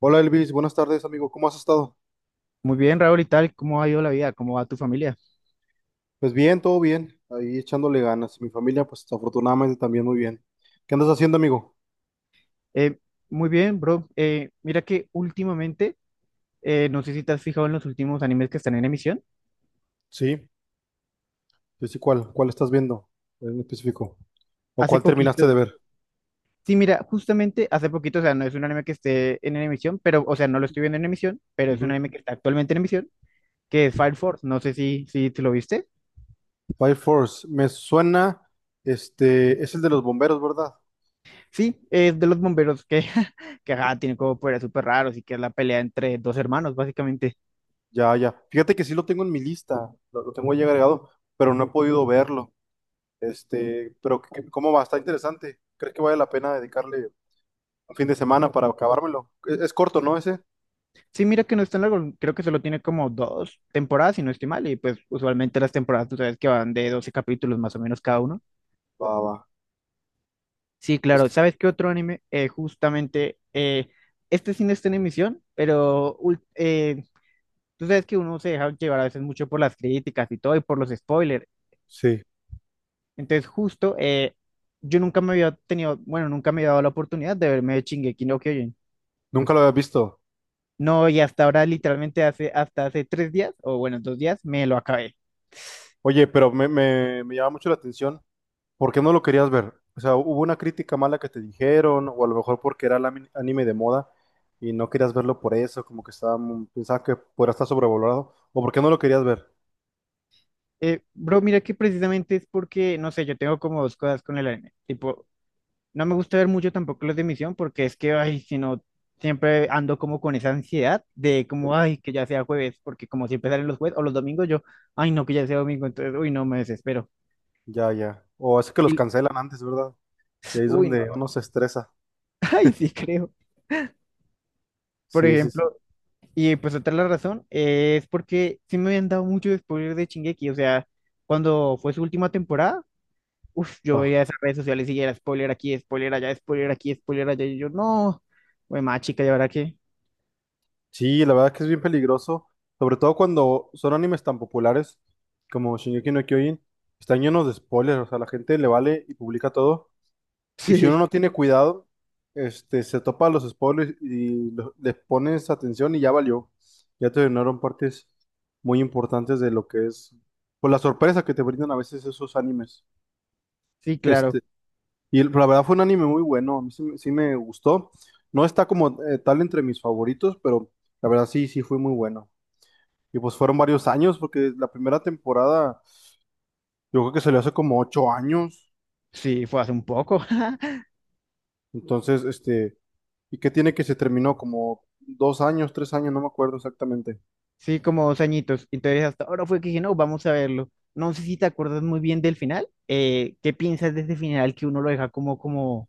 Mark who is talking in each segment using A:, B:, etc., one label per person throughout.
A: Hola Elvis, buenas tardes amigo, ¿cómo has estado?
B: Muy bien, Raúl, ¿y tal? ¿Cómo ha ido la vida? ¿Cómo va tu familia?
A: Pues bien, todo bien, ahí echándole ganas. Mi familia, pues afortunadamente también muy bien. ¿Qué andas haciendo amigo?
B: Eh, Muy bien, bro. Mira que últimamente, no sé si te has fijado en los últimos animes que están en emisión.
A: Sí, sí, sí, ¿cuál? ¿Cuál estás viendo en específico? ¿O
B: Hace
A: cuál terminaste de
B: poquito,
A: ver?
B: sí, mira, justamente hace poquito, o sea, no es un anime que esté en emisión, pero, o sea, no lo estoy viendo en emisión, pero es un
A: Ujú.
B: anime que está actualmente en emisión, que es Fire Force. No sé si te lo viste.
A: Fire Force, me suena, es el de los bomberos, ¿verdad?
B: Sí, es de los bomberos que, que ajá, tienen como poderes súper raros y que es la pelea entre dos hermanos, básicamente.
A: Ya, ya. Fíjate que sí lo tengo en mi lista, lo tengo ahí agregado, pero no he podido verlo. Pero ¿cómo va? Está interesante. ¿Crees que vale la pena dedicarle un fin de semana para acabármelo? Es corto, ¿no? Ese.
B: Sí, mira que no es tan largo, creo que solo tiene como dos temporadas, si no estoy mal, y pues usualmente las temporadas, tú sabes que van de 12 capítulos más o menos cada uno.
A: Va, va.
B: Sí, claro,
A: Pues
B: ¿sabes qué otro anime? Justamente, este sí no está en emisión, pero tú sabes que uno se deja llevar a veces mucho por las críticas y todo, y por los spoilers.
A: sí,
B: Entonces, justo, yo nunca me había tenido, bueno, nunca me había dado la oportunidad de verme Shingeki no Kyojin.
A: nunca lo había visto.
B: No, y hasta ahora, literalmente hace, hasta hace 3 días, o bueno, 2 días, me lo acabé.
A: Oye, pero me llama mucho la atención. ¿Por qué no lo querías ver? O sea, ¿hubo una crítica mala que te dijeron? O a lo mejor porque era anime de moda y no querías verlo por eso, como que estaba, pensaba que podría estar sobrevalorado. ¿O por qué no lo querías ver?
B: Bro, mira que precisamente es porque, no sé, yo tengo como dos cosas con el anime. Tipo, no me gusta ver mucho tampoco los de misión porque es que, ay, si no, siempre ando como con esa ansiedad de como, ay, que ya sea jueves, porque como siempre salen los jueves o los domingos, yo, ay, no, que ya sea domingo, entonces, uy, no, me desespero.
A: Ya, ya. O es que los
B: Y,
A: cancelan antes, ¿verdad? Y ahí es
B: uy, no,
A: donde
B: no,
A: uno se estresa.
B: ay, sí, creo. Por
A: Sí, sí, sí.
B: ejemplo, y pues otra la razón es porque sí me habían dado mucho spoiler de Shingeki, o sea, cuando fue su última temporada. Uf, yo
A: Ah.
B: veía esas redes sociales y era spoiler aquí, spoiler allá, spoiler aquí, spoiler allá. Y yo, no, güey, más chica, ¿y ahora qué?
A: Sí, la verdad es que es bien peligroso, sobre todo cuando son animes tan populares como Shingeki no Kyojin, están llenos de spoilers, o sea, la gente le vale y publica todo, y si uno
B: Sí,
A: no tiene cuidado, se topa los spoilers y le pones atención y ya valió, ya te dieron partes muy importantes de lo que es, por la sorpresa que te brindan a veces esos animes,
B: sí,
A: este,
B: claro.
A: y la verdad fue un anime muy bueno, a mí sí me gustó, no está como tal entre mis favoritos, pero la verdad sí, sí fue muy bueno. Y pues fueron varios años, porque la primera temporada, yo creo que salió hace como 8 años.
B: Sí, fue hace un poco.
A: Entonces, ¿y qué tiene que se terminó? Como 2 años, 3 años, no me acuerdo exactamente.
B: Sí, como dos añitos. Entonces, hasta ahora fue que dije, no, vamos a verlo. No sé si te acuerdas muy bien del final. ¿Qué piensas de ese final que uno lo deja como,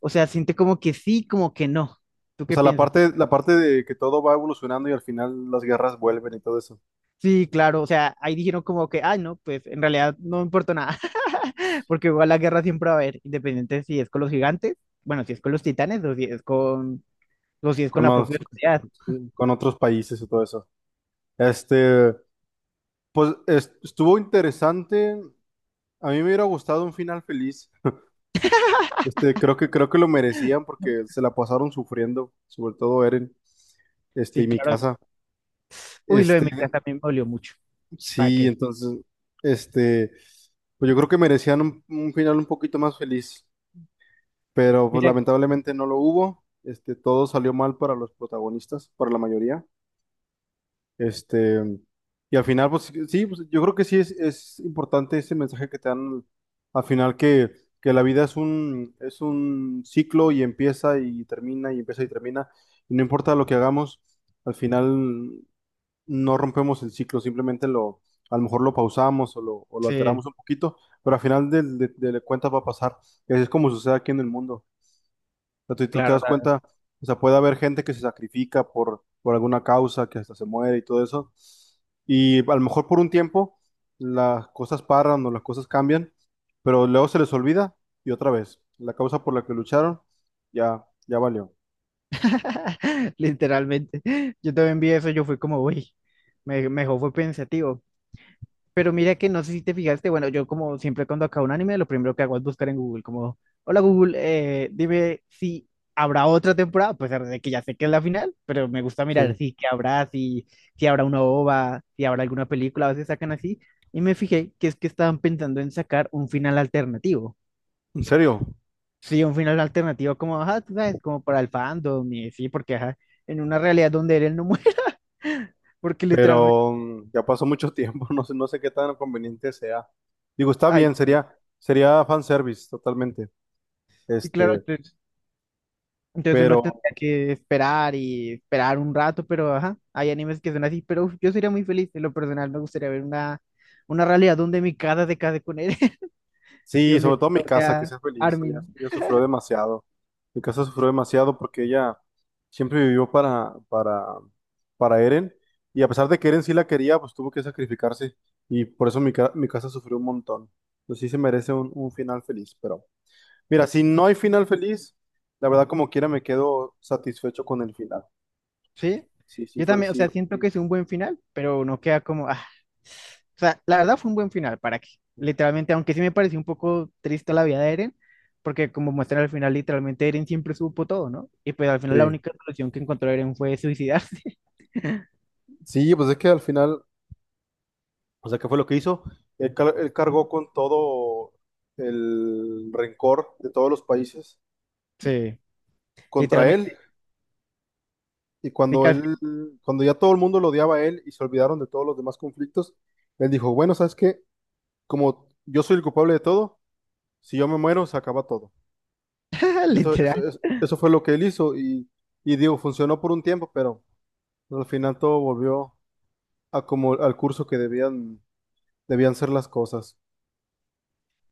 B: o sea, siente como que sí, como que no? ¿Tú
A: O
B: qué
A: sea,
B: piensas?
A: la parte de que todo va evolucionando y al final las guerras vuelven y todo eso.
B: Sí, claro, o sea, ahí dijeron como que, ay, no, pues en realidad no importa nada. Porque igual la guerra siempre va a haber, independiente si es con los gigantes, bueno, si es con los titanes o si es con, o si es con
A: Con
B: la propia
A: los-
B: sociedad.
A: sí, con otros países y todo eso. Este, pues estuvo interesante. A mí me hubiera gustado un final feliz. Creo que lo merecían porque se la pasaron sufriendo, sobre todo Eren,
B: Sí,
A: y mi.
B: claro. Uy, lo de
A: Este,
B: mi casa también me dolió mucho. ¿Para
A: sí,
B: qué?
A: entonces, este, pues yo creo que merecían un final un poquito más feliz, pero pues
B: Mira,
A: lamentablemente no lo hubo. Todo salió mal para los protagonistas, para la mayoría. Este, y al final, pues sí, pues, yo creo que sí es importante ese mensaje que te dan al final que la vida es es un ciclo y empieza y termina y empieza y termina. Y no importa lo que hagamos, al final no rompemos el ciclo, a lo mejor lo pausamos o lo
B: sí,
A: alteramos un poquito, pero al final cuentas va a pasar. Y así es como sucede aquí en el mundo. O sea, tú te
B: claro,
A: das cuenta, o sea, puede haber gente que se sacrifica por alguna causa, que hasta se muere y todo eso. Y a lo mejor por un tiempo las cosas paran o las cosas cambian, pero luego se les olvida y otra vez, la causa por la que lucharon ya, ya valió.
B: literalmente. Yo también vi eso, yo fui como, uy, me dejó, fue pensativo. Pero mira que no sé si te fijaste, bueno, yo como siempre cuando acabo un anime, lo primero que hago es buscar en Google, como, hola Google, dime si habrá otra temporada, pues, a pesar de que ya sé que es la final, pero me gusta mirar
A: Sí.
B: si que habrá, si habrá una OVA, si habrá alguna película, a veces sacan así, y me fijé que es que estaban pensando en sacar un final alternativo.
A: En serio.
B: Sí, un final alternativo como, ajá, tú sabes, como para el fandom, y sí, porque ajá, en una realidad donde él no muere, porque literalmente,
A: Pero ya pasó mucho tiempo, no sé, no sé qué tan conveniente sea. Digo, está bien,
B: ay,
A: sería, sería fanservice totalmente.
B: y claro,
A: Este,
B: entonces uno
A: pero
B: tendría que esperar y esperar un rato, pero ajá, hay animes que son así, pero uf, yo sería muy feliz, en lo personal me gustaría ver una realidad donde mi casa se case con él y
A: sí,
B: un
A: sobre todo mi
B: director
A: casa, que
B: sea
A: sea feliz. Ella,
B: Armin,
A: ella sufrió demasiado. Mi casa sufrió demasiado porque ella siempre vivió para Eren. Y a pesar de que Eren sí la quería, pues tuvo que sacrificarse. Y por eso mi casa sufrió un montón. Pues sí se merece un final feliz, pero. Mira, si no hay final feliz, la verdad como quiera me quedo satisfecho con el final.
B: ¿sí?
A: Sí, sí
B: Yo
A: fue,
B: también, o sea,
A: sí.
B: siento que es un buen final, pero no queda como, ah, o sea, la verdad fue un buen final, ¿para qué? Literalmente, aunque sí me pareció un poco triste la vida de Eren, porque como muestran al final, literalmente Eren siempre supo todo, ¿no? Y pues al final la
A: Sí,
B: única solución que encontró Eren fue suicidarse.
A: sí, pues es que al final, o sea, ¿qué fue lo que hizo? Él cargó con todo el rencor de todos los países
B: Sí,
A: contra él
B: literalmente,
A: y
B: sí que
A: cuando ya todo el mundo lo odiaba a él y se olvidaron de todos los demás conflictos, él dijo, bueno, ¿sabes qué? Como yo soy el culpable de todo, si yo me muero, se acaba todo.
B: literal.
A: Eso fue lo que él hizo y digo, funcionó por un tiempo, pero... Al final todo volvió a como al curso que debían ser las cosas.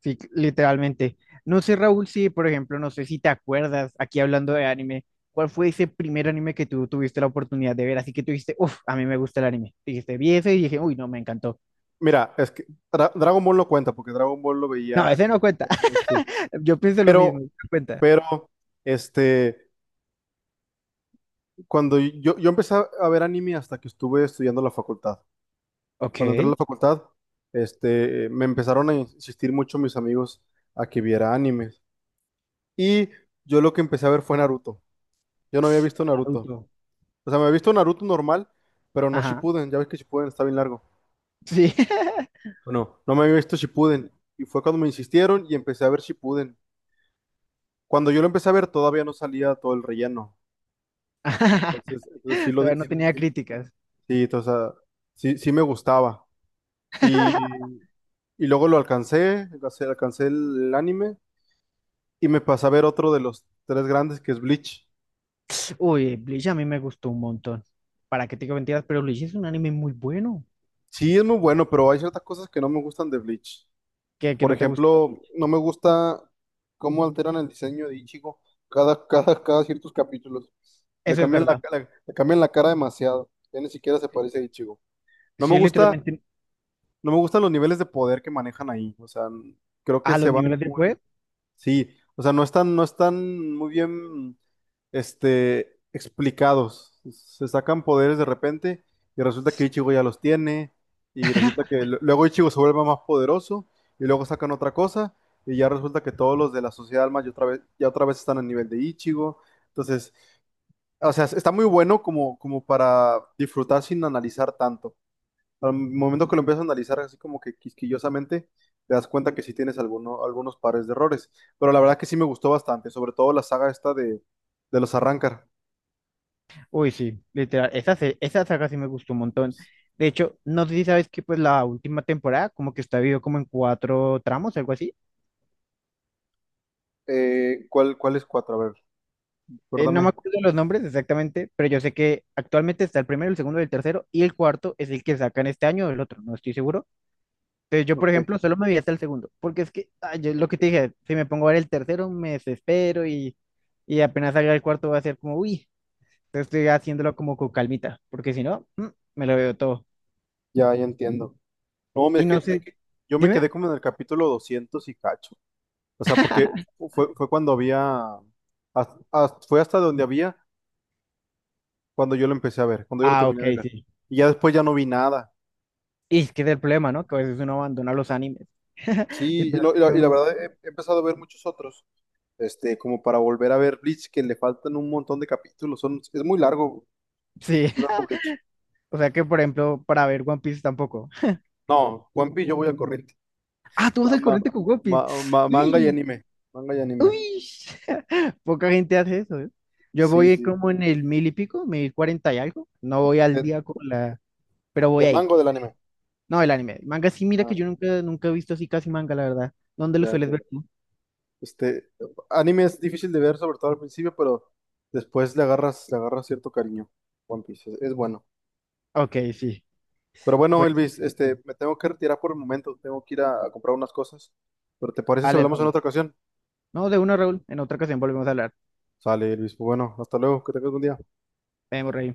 B: Sí, literalmente. No sé, Raúl, si, por ejemplo, no sé si te acuerdas, aquí hablando de anime, ¿cuál fue ese primer anime que tú tuviste la oportunidad de ver? Así que tú dijiste, uff, a mí me gusta el anime. Dijiste, vi ese y dije, uy, no, me encantó.
A: Mira, es que Dragon Ball no cuenta porque Dragon Ball lo
B: No,
A: veía,
B: ese no cuenta.
A: este,
B: Yo pienso lo
A: pero,
B: mismo, no cuenta.
A: pero, este, cuando yo empecé a ver anime hasta que estuve estudiando en la facultad. Cuando entré a
B: Ok.
A: la facultad, me empezaron a insistir mucho mis amigos a que viera animes. Y yo lo que empecé a ver fue Naruto. Yo no había visto Naruto.
B: Auto.
A: O sea, me había visto Naruto normal, pero no
B: Ajá.
A: Shippuden. Ya ves que Shippuden está bien largo.
B: Sí.
A: Bueno, no me había visto Shippuden y fue cuando me insistieron y empecé a ver Shippuden. Cuando yo lo empecé a ver todavía no salía todo el relleno, entonces sí
B: Todavía no
A: sí,
B: tenía
A: sí,
B: críticas.
A: sí, o sea, sí, sí me gustaba y, y luego lo alcancé el anime y me pasé a ver otro de los tres grandes que es Bleach.
B: Uy, Bleach a mí me gustó un montón. ¿Para qué te digo mentiras? Pero Bleach es un anime muy bueno.
A: Sí, es muy bueno, pero hay ciertas cosas que no me gustan de Bleach.
B: Que
A: Por
B: no te gustó
A: ejemplo,
B: Bleach.
A: no me gusta cómo alteran el diseño de Ichigo cada ciertos capítulos. Le
B: Eso es
A: cambian la
B: verdad.
A: cara, le cambian la cara demasiado. Ya ni siquiera se parece a Ichigo. No me
B: Sí,
A: gusta,
B: literalmente.
A: no me gustan los niveles de poder que manejan ahí. O sea, creo que
B: A
A: se
B: los
A: van
B: niveles de
A: muy.
B: web,
A: Sí, o sea, no están, no están muy bien, explicados. Se sacan poderes de repente y resulta que Ichigo ya los tiene y resulta que luego Ichigo se vuelve más poderoso y luego sacan otra cosa y ya resulta que todos los de la Sociedad Alma ya otra vez están a nivel de Ichigo. Entonces, o sea, está muy bueno como, como para disfrutar sin analizar tanto. Al momento que lo empiezas a analizar así como que quisquillosamente, te das cuenta que sí tienes algunos pares de errores. Pero la verdad que sí me gustó bastante, sobre todo la saga esta de los Arrancar.
B: uy, sí, literal, esa saga sí me gustó un montón. De hecho, no sé si sabes que pues la última temporada como que está dividido como en cuatro tramos, algo así.
A: ¿Cuál, cuál es cuatro? A ver,
B: No me
A: recuérdame.
B: acuerdo los nombres exactamente, pero yo sé que actualmente está el primero, el segundo, el tercero y el cuarto es el que sacan este año o el otro, no estoy seguro. Entonces yo, por
A: Ok,
B: ejemplo, solo me vi hasta el segundo, porque es que, ay, lo que te dije, si me pongo a ver el tercero me desespero y apenas salga el cuarto va a ser como, uy, entonces estoy haciéndolo como con calmita, porque si no, mm, me lo veo todo.
A: ya, ya entiendo. No, mira,
B: Y no
A: es
B: sé,
A: que yo me
B: dime.
A: quedé como en el capítulo 200 y cacho. O sea, porque fue, fue cuando había, fue hasta donde había cuando yo lo empecé a ver, cuando yo lo
B: Ah,
A: terminé
B: ok,
A: de ver.
B: sí.
A: Y ya después ya no vi nada.
B: Y es que es el problema, ¿no? Que a veces uno abandona los animes.
A: Sí,
B: Literalmente
A: y la
B: uno.
A: verdad he empezado a ver muchos otros. Como para volver a ver Bleach, que le faltan un montón de capítulos. Es
B: Sí.
A: muy largo Bleach.
B: O sea que, por ejemplo, para ver One Piece tampoco.
A: No, One Piece yo voy al corriente.
B: Ah, tú vas
A: Ma-
B: al
A: ma-
B: corriente con One Piece.
A: manga y
B: Uy,
A: anime. Manga y anime.
B: uy. Poca gente hace eso, ¿eh? Yo
A: Sí,
B: voy
A: sí.
B: como en el mil y pico, 1040 y algo. No voy al
A: De-
B: día con la. Pero voy
A: del
B: ahí.
A: mango del anime.
B: No, el anime. Manga sí, mira que
A: Ah,
B: yo nunca he visto así casi manga, la verdad. ¿Dónde lo
A: ya
B: sueles ver
A: entiendo.
B: tú?
A: Este, anime es difícil de ver, sobre todo al principio, pero después le agarras cierto cariño. One Piece es bueno.
B: Ok, sí.
A: Pero bueno,
B: Pues,
A: Elvis, me tengo que retirar por el momento. Tengo que ir a comprar unas cosas. Pero ¿te parece si
B: dale,
A: hablamos en
B: Raúl.
A: otra ocasión?
B: No, de uno, Raúl. En otra ocasión volvemos a hablar.
A: Sale, Elvis. Pues Bueno, hasta luego. Que tengas buen día.
B: Vemos, Rey.